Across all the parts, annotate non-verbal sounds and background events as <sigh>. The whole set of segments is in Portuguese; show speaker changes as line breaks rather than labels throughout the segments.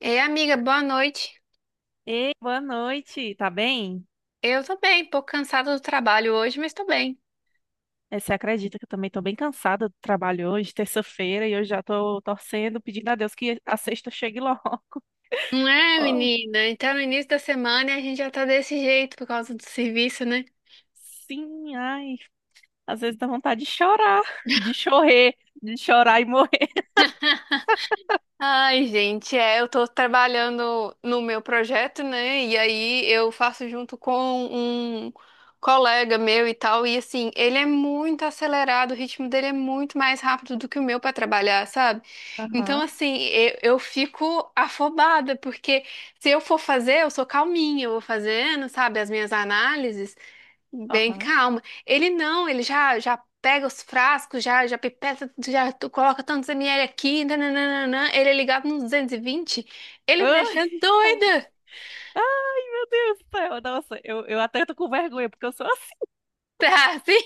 Ei, amiga, boa noite.
Ei, boa noite, tá bem?
Eu tô bem, um pouco cansada do trabalho hoje, mas tô bem.
Você acredita que eu também tô bem cansada do trabalho hoje, terça-feira, e eu já tô torcendo, pedindo a Deus que a sexta chegue logo. <laughs>
Não é,
Oh,
menina? Então, no início da semana a gente já tá desse jeito por causa do serviço, né?
sim, ai, às vezes dá vontade de chorar, <laughs> de chorar, de chorar e morrer.
Ai, gente, é, eu tô trabalhando no meu projeto, né? E aí eu faço junto com um colega meu e tal, e assim, ele é muito acelerado, o ritmo dele é muito mais rápido do que o meu pra trabalhar, sabe? Então,
Aham,
assim, eu fico afobada, porque se eu for fazer, eu sou calminha, eu vou fazendo, sabe, as minhas análises. Bem
aham.
calmo. Ele não, ele já pega os frascos, já pipeta, já tu coloca tantos ml aqui, nananana. Ele é ligado nos 220. Ele me deixa
Ai, tá.
doida. <laughs>
Ai, meu Deus do céu, nossa, eu até tô com vergonha, porque eu sou assim,
Tá, assim?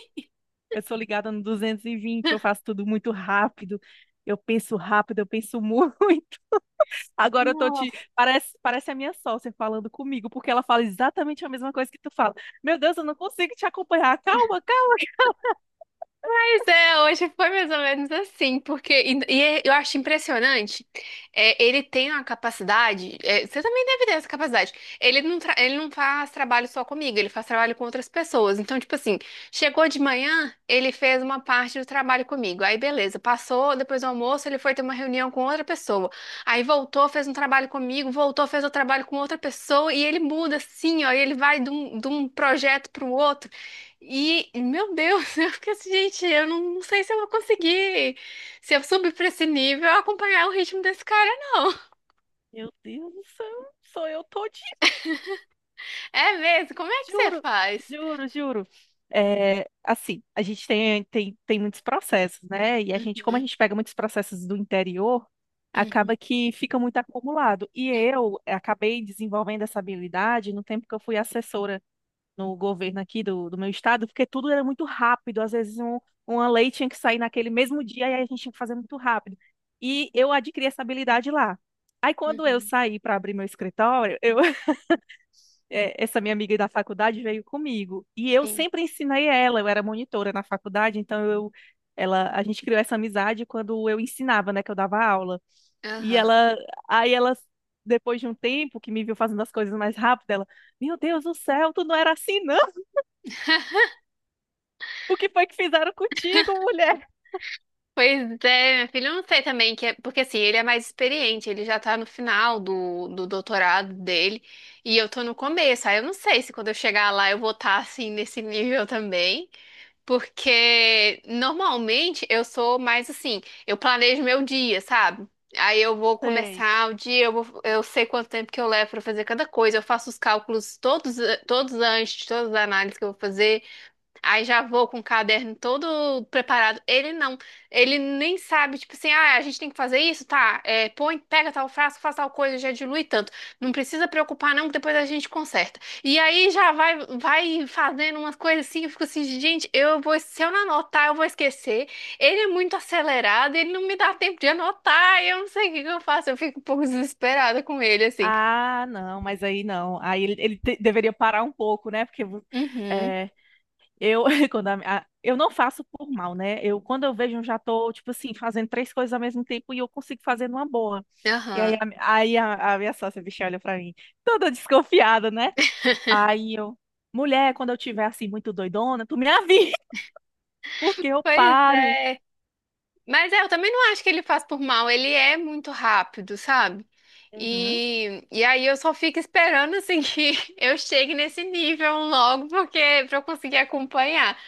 eu sou ligada no 220, eu faço tudo muito rápido, eu penso <laughs> muito. Agora eu tô te. Parece a minha sócia falando comigo, porque ela fala exatamente a mesma coisa que tu fala. Meu Deus, eu não consigo te acompanhar. Calma, calma.
Pois é, hoje foi mais ou menos assim, porque eu acho impressionante. É, ele tem uma capacidade, é, você também deve ter essa capacidade. Ele não, ele não faz trabalho só comigo, ele faz trabalho com outras pessoas. Então, tipo assim, chegou de manhã, ele fez uma parte do trabalho comigo. Aí, beleza, passou, depois do almoço, ele foi ter uma reunião com outra pessoa. Aí voltou, fez um trabalho comigo, voltou, fez o trabalho com outra pessoa, e ele muda assim, ó, e ele vai de um projeto para o outro. E, meu Deus, <laughs> eu fiquei assim, gente, eu não, não sei se eu vou conseguir, se eu subir pra esse nível, acompanhar o ritmo desse cara, não. <laughs>
Meu Deus do céu, sou eu todinha,
É mesmo? Como é que você
juro,
faz?
juro, juro. É, assim, a gente tem muitos processos, né? E a gente,
Uhum,
como a gente pega muitos processos do interior,
uhum,
acaba que fica muito acumulado. E eu acabei desenvolvendo essa habilidade no tempo que eu fui assessora no governo aqui do meu estado, porque tudo era muito rápido. Às vezes um, uma lei tinha que sair naquele mesmo dia e aí a gente tinha que fazer muito rápido. E eu adquiri essa habilidade lá. Aí quando eu
uhum.
saí para abrir meu escritório, eu, <laughs> essa minha amiga da faculdade veio comigo. E eu
Sim.
sempre ensinei ela, eu era monitora na faculdade, então eu, ela, a gente criou essa amizade quando eu ensinava, né, que eu dava aula. E
Aham.
ela, aí ela, depois de um tempo que me viu fazendo as coisas mais rápido, ela, meu Deus do céu, tu não era assim, não. O que foi que fizeram contigo, mulher?
Pois é, minha filha, eu não sei também, que é, porque assim, ele é mais experiente, ele já tá no final do, do doutorado dele, e eu tô no começo, aí eu não sei se quando eu chegar lá eu vou estar assim, nesse nível também. Porque normalmente eu sou mais assim, eu planejo meu dia, sabe? Aí eu vou
Sei.
começar o dia, eu sei quanto tempo que eu levo pra fazer cada coisa, eu faço os cálculos todos, todos antes, de todas as análises que eu vou fazer. Aí já vou com o caderno todo preparado. Ele não. Ele nem sabe, tipo assim, ah, a gente tem que fazer isso, tá? É, põe, pega tal frasco, faz tal coisa, já dilui tanto. Não precisa preocupar, não, que depois a gente conserta. E aí já vai, vai fazendo umas coisas assim, eu fico assim, gente, eu vou, se eu não anotar, eu vou esquecer. Ele é muito acelerado, ele não me dá tempo de anotar, eu não sei o que que eu faço, eu fico um pouco desesperada com ele, assim.
Ah, não, mas aí não. Aí ele te- deveria parar um pouco, né? Porque
Uhum,
é, eu, <laughs> quando a- eu não faço por mal, né? Eu, quando eu vejo, eu já tô, tipo assim, fazendo três coisas ao mesmo tempo e eu consigo fazer numa boa. E aí,
aham.
a, aí a minha sócia, bicha, olha pra mim, toda desconfiada, né? Aí eu, mulher, quando eu tiver assim, muito doidona, tu me avisa, <laughs> porque eu
Pois
paro.
é. Mas é, eu também não acho que ele faz por mal, ele é muito rápido, sabe?
Uhum,
E aí eu só fico esperando assim que <laughs> eu chegue nesse nível logo, porque pra eu conseguir acompanhar.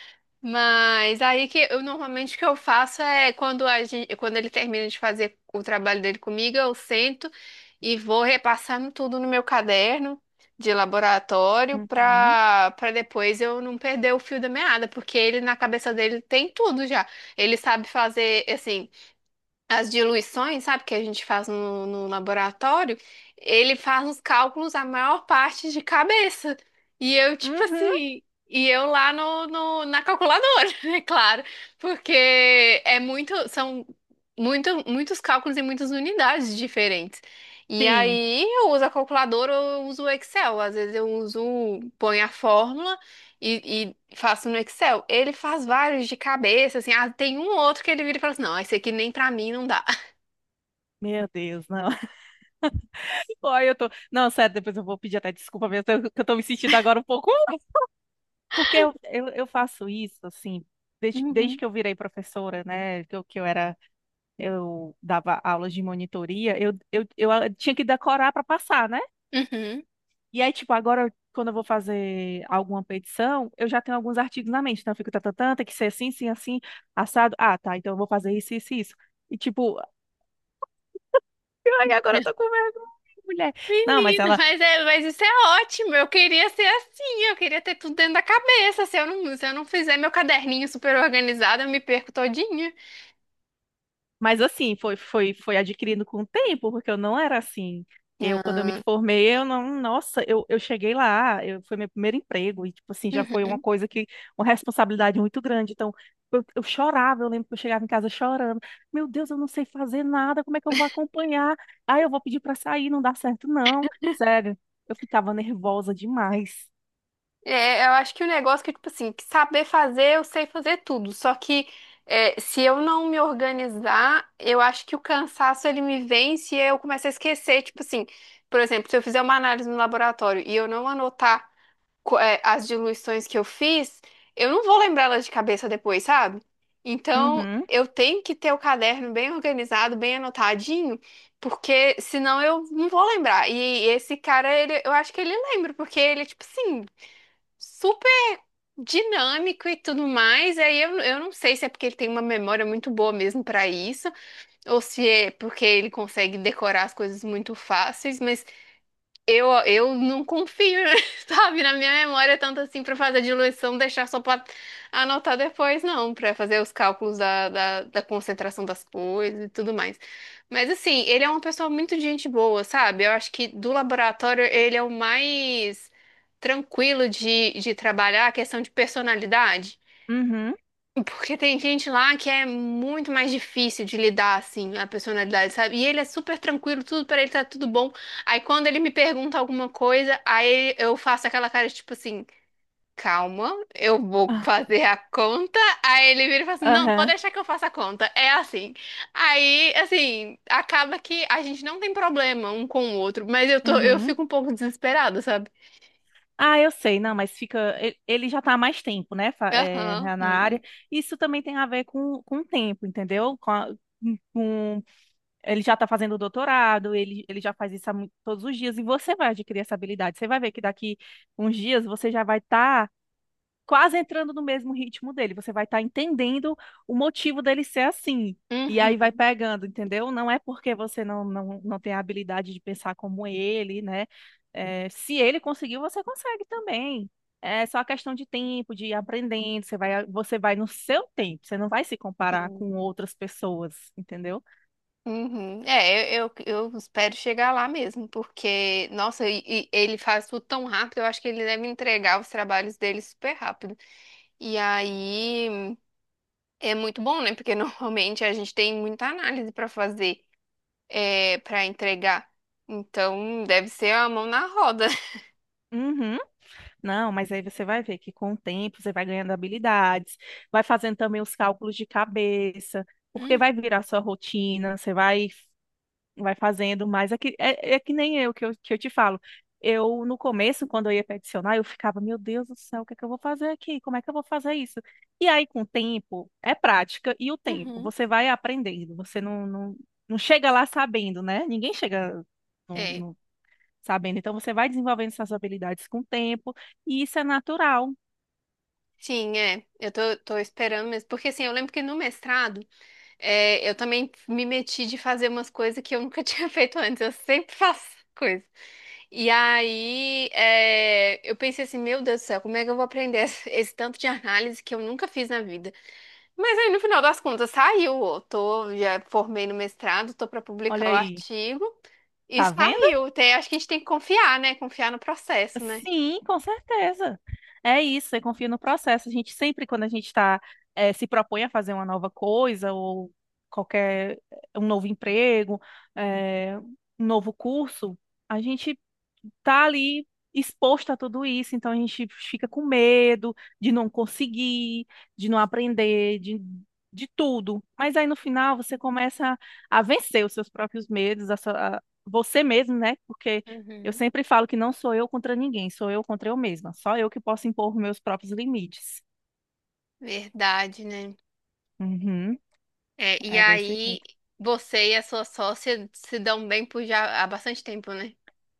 Mas aí que eu normalmente o que eu faço é quando a gente, quando ele termina de fazer o trabalho dele comigo, eu sento e vou repassando tudo no meu caderno de laboratório
uhum,
para depois eu não perder o fio da meada, porque ele na cabeça dele tem tudo já. Ele sabe fazer assim, as diluições, sabe, que a gente faz no, no laboratório, ele faz os cálculos a maior parte de cabeça. E eu, tipo
uhum,
assim, e eu lá no, na calculadora, <laughs> é claro, porque é muito, são muito, muitos cálculos e muitas unidades diferentes. E
sim.
aí eu uso a calculadora ou eu uso o Excel, às vezes eu uso, ponho a fórmula e faço no Excel. Ele faz vários de cabeça, assim. Ah, tem um outro que ele vira e fala assim: não, esse aqui nem pra mim não dá.
Meu Deus, não. Ai, eu tô. Não, sério, depois eu vou pedir até desculpa mesmo, que eu tô me sentindo agora um pouco. <laughs> "Ah", Porque eu faço isso, assim, desde
Uhum.
que eu virei professora, né? Que eu era. Eu dava aulas de monitoria, tinha que decorar pra passar, né?
Uhum.
E aí, tipo, agora, quando eu vou fazer alguma petição, eu já tenho alguns artigos na mente. Então, eu fico, tatatã, tem que ser assim, assim, assim, assado. Ah, tá, então eu vou fazer isso, isso, isso. E, tipo, ai, agora eu tô com vergonha, mulher. Não, mas
Menina,
ela.
mas, é, mas isso é ótimo. Eu queria ser assim, eu queria ter tudo dentro da cabeça. Se eu não, se eu não fizer meu caderninho super organizado, eu me perco todinha.
Mas assim, foi adquirindo com o tempo, porque eu não era assim. Eu, quando eu me
Ah.
formei, eu não, nossa, eu cheguei lá, eu, foi meu primeiro emprego, e tipo assim, já foi uma
Uhum.
coisa que, uma responsabilidade muito grande. Então, eu chorava, eu lembro que eu chegava em casa chorando. Meu Deus, eu não sei fazer nada, como é que eu vou acompanhar? Ah, eu vou pedir pra sair, não dá certo, não. Sério, eu ficava nervosa demais.
É, eu acho que o negócio que, tipo assim, que saber fazer, eu sei fazer tudo. Só que é, se eu não me organizar, eu acho que o cansaço ele me vence e eu começo a esquecer. Tipo assim, por exemplo, se eu fizer uma análise no laboratório e eu não anotar é, as diluições que eu fiz, eu não vou lembrá-las de cabeça depois, sabe? Então,
Uhum,
eu tenho que ter o caderno bem organizado, bem anotadinho, porque senão eu não vou lembrar. E esse cara, ele, eu acho que ele lembra, porque ele, tipo assim, super dinâmico e tudo mais. Aí eu não sei se é porque ele tem uma memória muito boa mesmo para isso, ou se é porque ele consegue decorar as coisas muito fáceis, mas eu não confio, <laughs> sabe, na minha memória tanto assim para fazer a diluição, deixar só para anotar depois, não, para fazer os cálculos da concentração das coisas e tudo mais. Mas assim, ele é uma pessoa muito de gente boa, sabe? Eu acho que do laboratório ele é o mais tranquilo de trabalhar a questão de personalidade.
uhum.
Porque tem gente lá que é muito mais difícil de lidar, assim, a personalidade, sabe? E ele é super tranquilo, tudo pra ele tá tudo bom. Aí quando ele me pergunta alguma coisa, aí eu faço aquela cara de, tipo assim, calma, eu vou
Ah,
fazer a conta. Aí ele vira e fala assim, não, pode
Aham,
deixar que eu faça a conta. É assim. Aí, assim, acaba que a gente não tem problema um com o outro, mas eu tô, eu
uhum.
fico um pouco desesperada, sabe?
Ah, eu sei, não, mas fica. Ele já está há mais tempo, né, é,
Aham.
na área. Isso também tem a ver com o tempo, entendeu? Com a- com- ele já está fazendo doutorado, ele já faz isso há todos os dias, e você vai adquirir essa habilidade. Você vai ver que daqui uns dias você já vai estar quase entrando no mesmo ritmo dele. Você vai estar entendendo o motivo dele ser assim. E aí vai
Uhum.
pegando, entendeu? Não é porque você não tem a habilidade de pensar como ele, né? É, se ele conseguiu, você consegue também. É só questão de tempo, de ir aprendendo. Você vai no seu tempo. Você não vai se comparar com outras pessoas, entendeu?
Uhum. É, eu espero chegar lá mesmo, porque, nossa, e ele faz tudo tão rápido, eu acho que ele deve entregar os trabalhos dele super rápido. E aí é muito bom, né? Porque <laughs> normalmente a gente tem muita análise para fazer, é, para entregar. Então, deve ser a mão na roda.
Uhum. Não, mas aí você vai ver que com o tempo você vai ganhando habilidades, vai fazendo também os cálculos de cabeça, porque
Hum.
vai virar sua rotina, você vai, vai fazendo mais. É que, é, é que nem eu que eu te falo. Eu, no começo, quando eu ia peticionar, eu ficava, meu Deus do céu, o que é que eu vou fazer aqui? Como é que eu vou fazer isso? E aí, com o tempo, é prática e o tempo,
Uhum.
você vai aprendendo, você não chega lá sabendo, né? Ninguém chega
É,
sabendo? Então você vai desenvolvendo essas habilidades com o tempo e isso é natural.
sim, é. Eu tô, tô esperando mesmo. Porque assim, eu lembro que no mestrado é, eu também me meti de fazer umas coisas que eu nunca <laughs> tinha feito antes. Eu sempre faço coisa. E aí, é, eu pensei assim, meu Deus do céu, como é que eu vou aprender esse, esse tanto de análise que eu nunca fiz na vida? Mas aí, no final das contas, saiu. Eu tô, já formei no mestrado, tô para publicar
Olha
o
aí,
artigo e
tá vendo?
saiu. Tem, acho que a gente tem que confiar, né? Confiar no processo, né?
Sim, com certeza. É isso, eu confio no processo. A gente sempre, quando a gente está, se propõe a fazer uma nova coisa ou qualquer um novo emprego, eh, um novo curso, a gente tá ali exposto a tudo isso, então a gente fica com medo de não conseguir, de não aprender, de tudo. Mas aí no final você começa a vencer os seus próprios medos, a sua- a- você mesmo, né? Porque eu
Uhum.
sempre falo que não sou eu contra ninguém, sou eu contra eu mesma. Só eu que posso impor meus próprios limites.
Verdade, né?
Uhum,
É, e
é desse
aí,
jeito.
você e a sua sócia se dão bem por já há bastante tempo, né?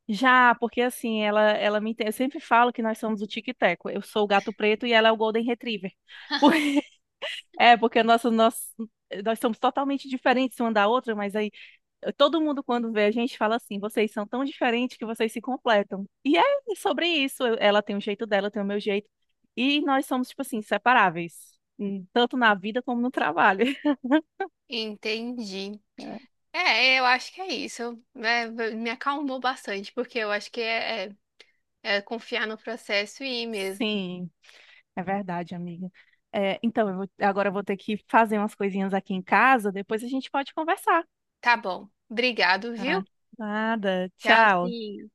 Já, porque assim, ela me entende. Eu sempre falo que nós somos o Tic e Teco. Eu sou o gato preto e ela é o Golden Retriever. <laughs> Por- É, porque nosso, nosso, nós somos totalmente diferentes uma da outra, mas aí todo mundo quando vê a gente fala assim: vocês são tão diferentes que vocês se completam. E é sobre isso. Eu- Ela tem o jeito dela, eu tenho o meu jeito. E nós somos, tipo assim, separáveis, tanto na vida como no trabalho.
Entendi.
É,
É, eu acho que é isso. Né, me acalmou bastante, porque eu acho que é confiar no processo e ir mesmo.
Sim, é verdade, amiga. É, então, eu vou- agora eu vou ter que fazer umas coisinhas aqui em casa, depois a gente pode conversar.
Tá bom. Obrigado,
Ah,
viu?
nada. Tchau.
Tchauzinho.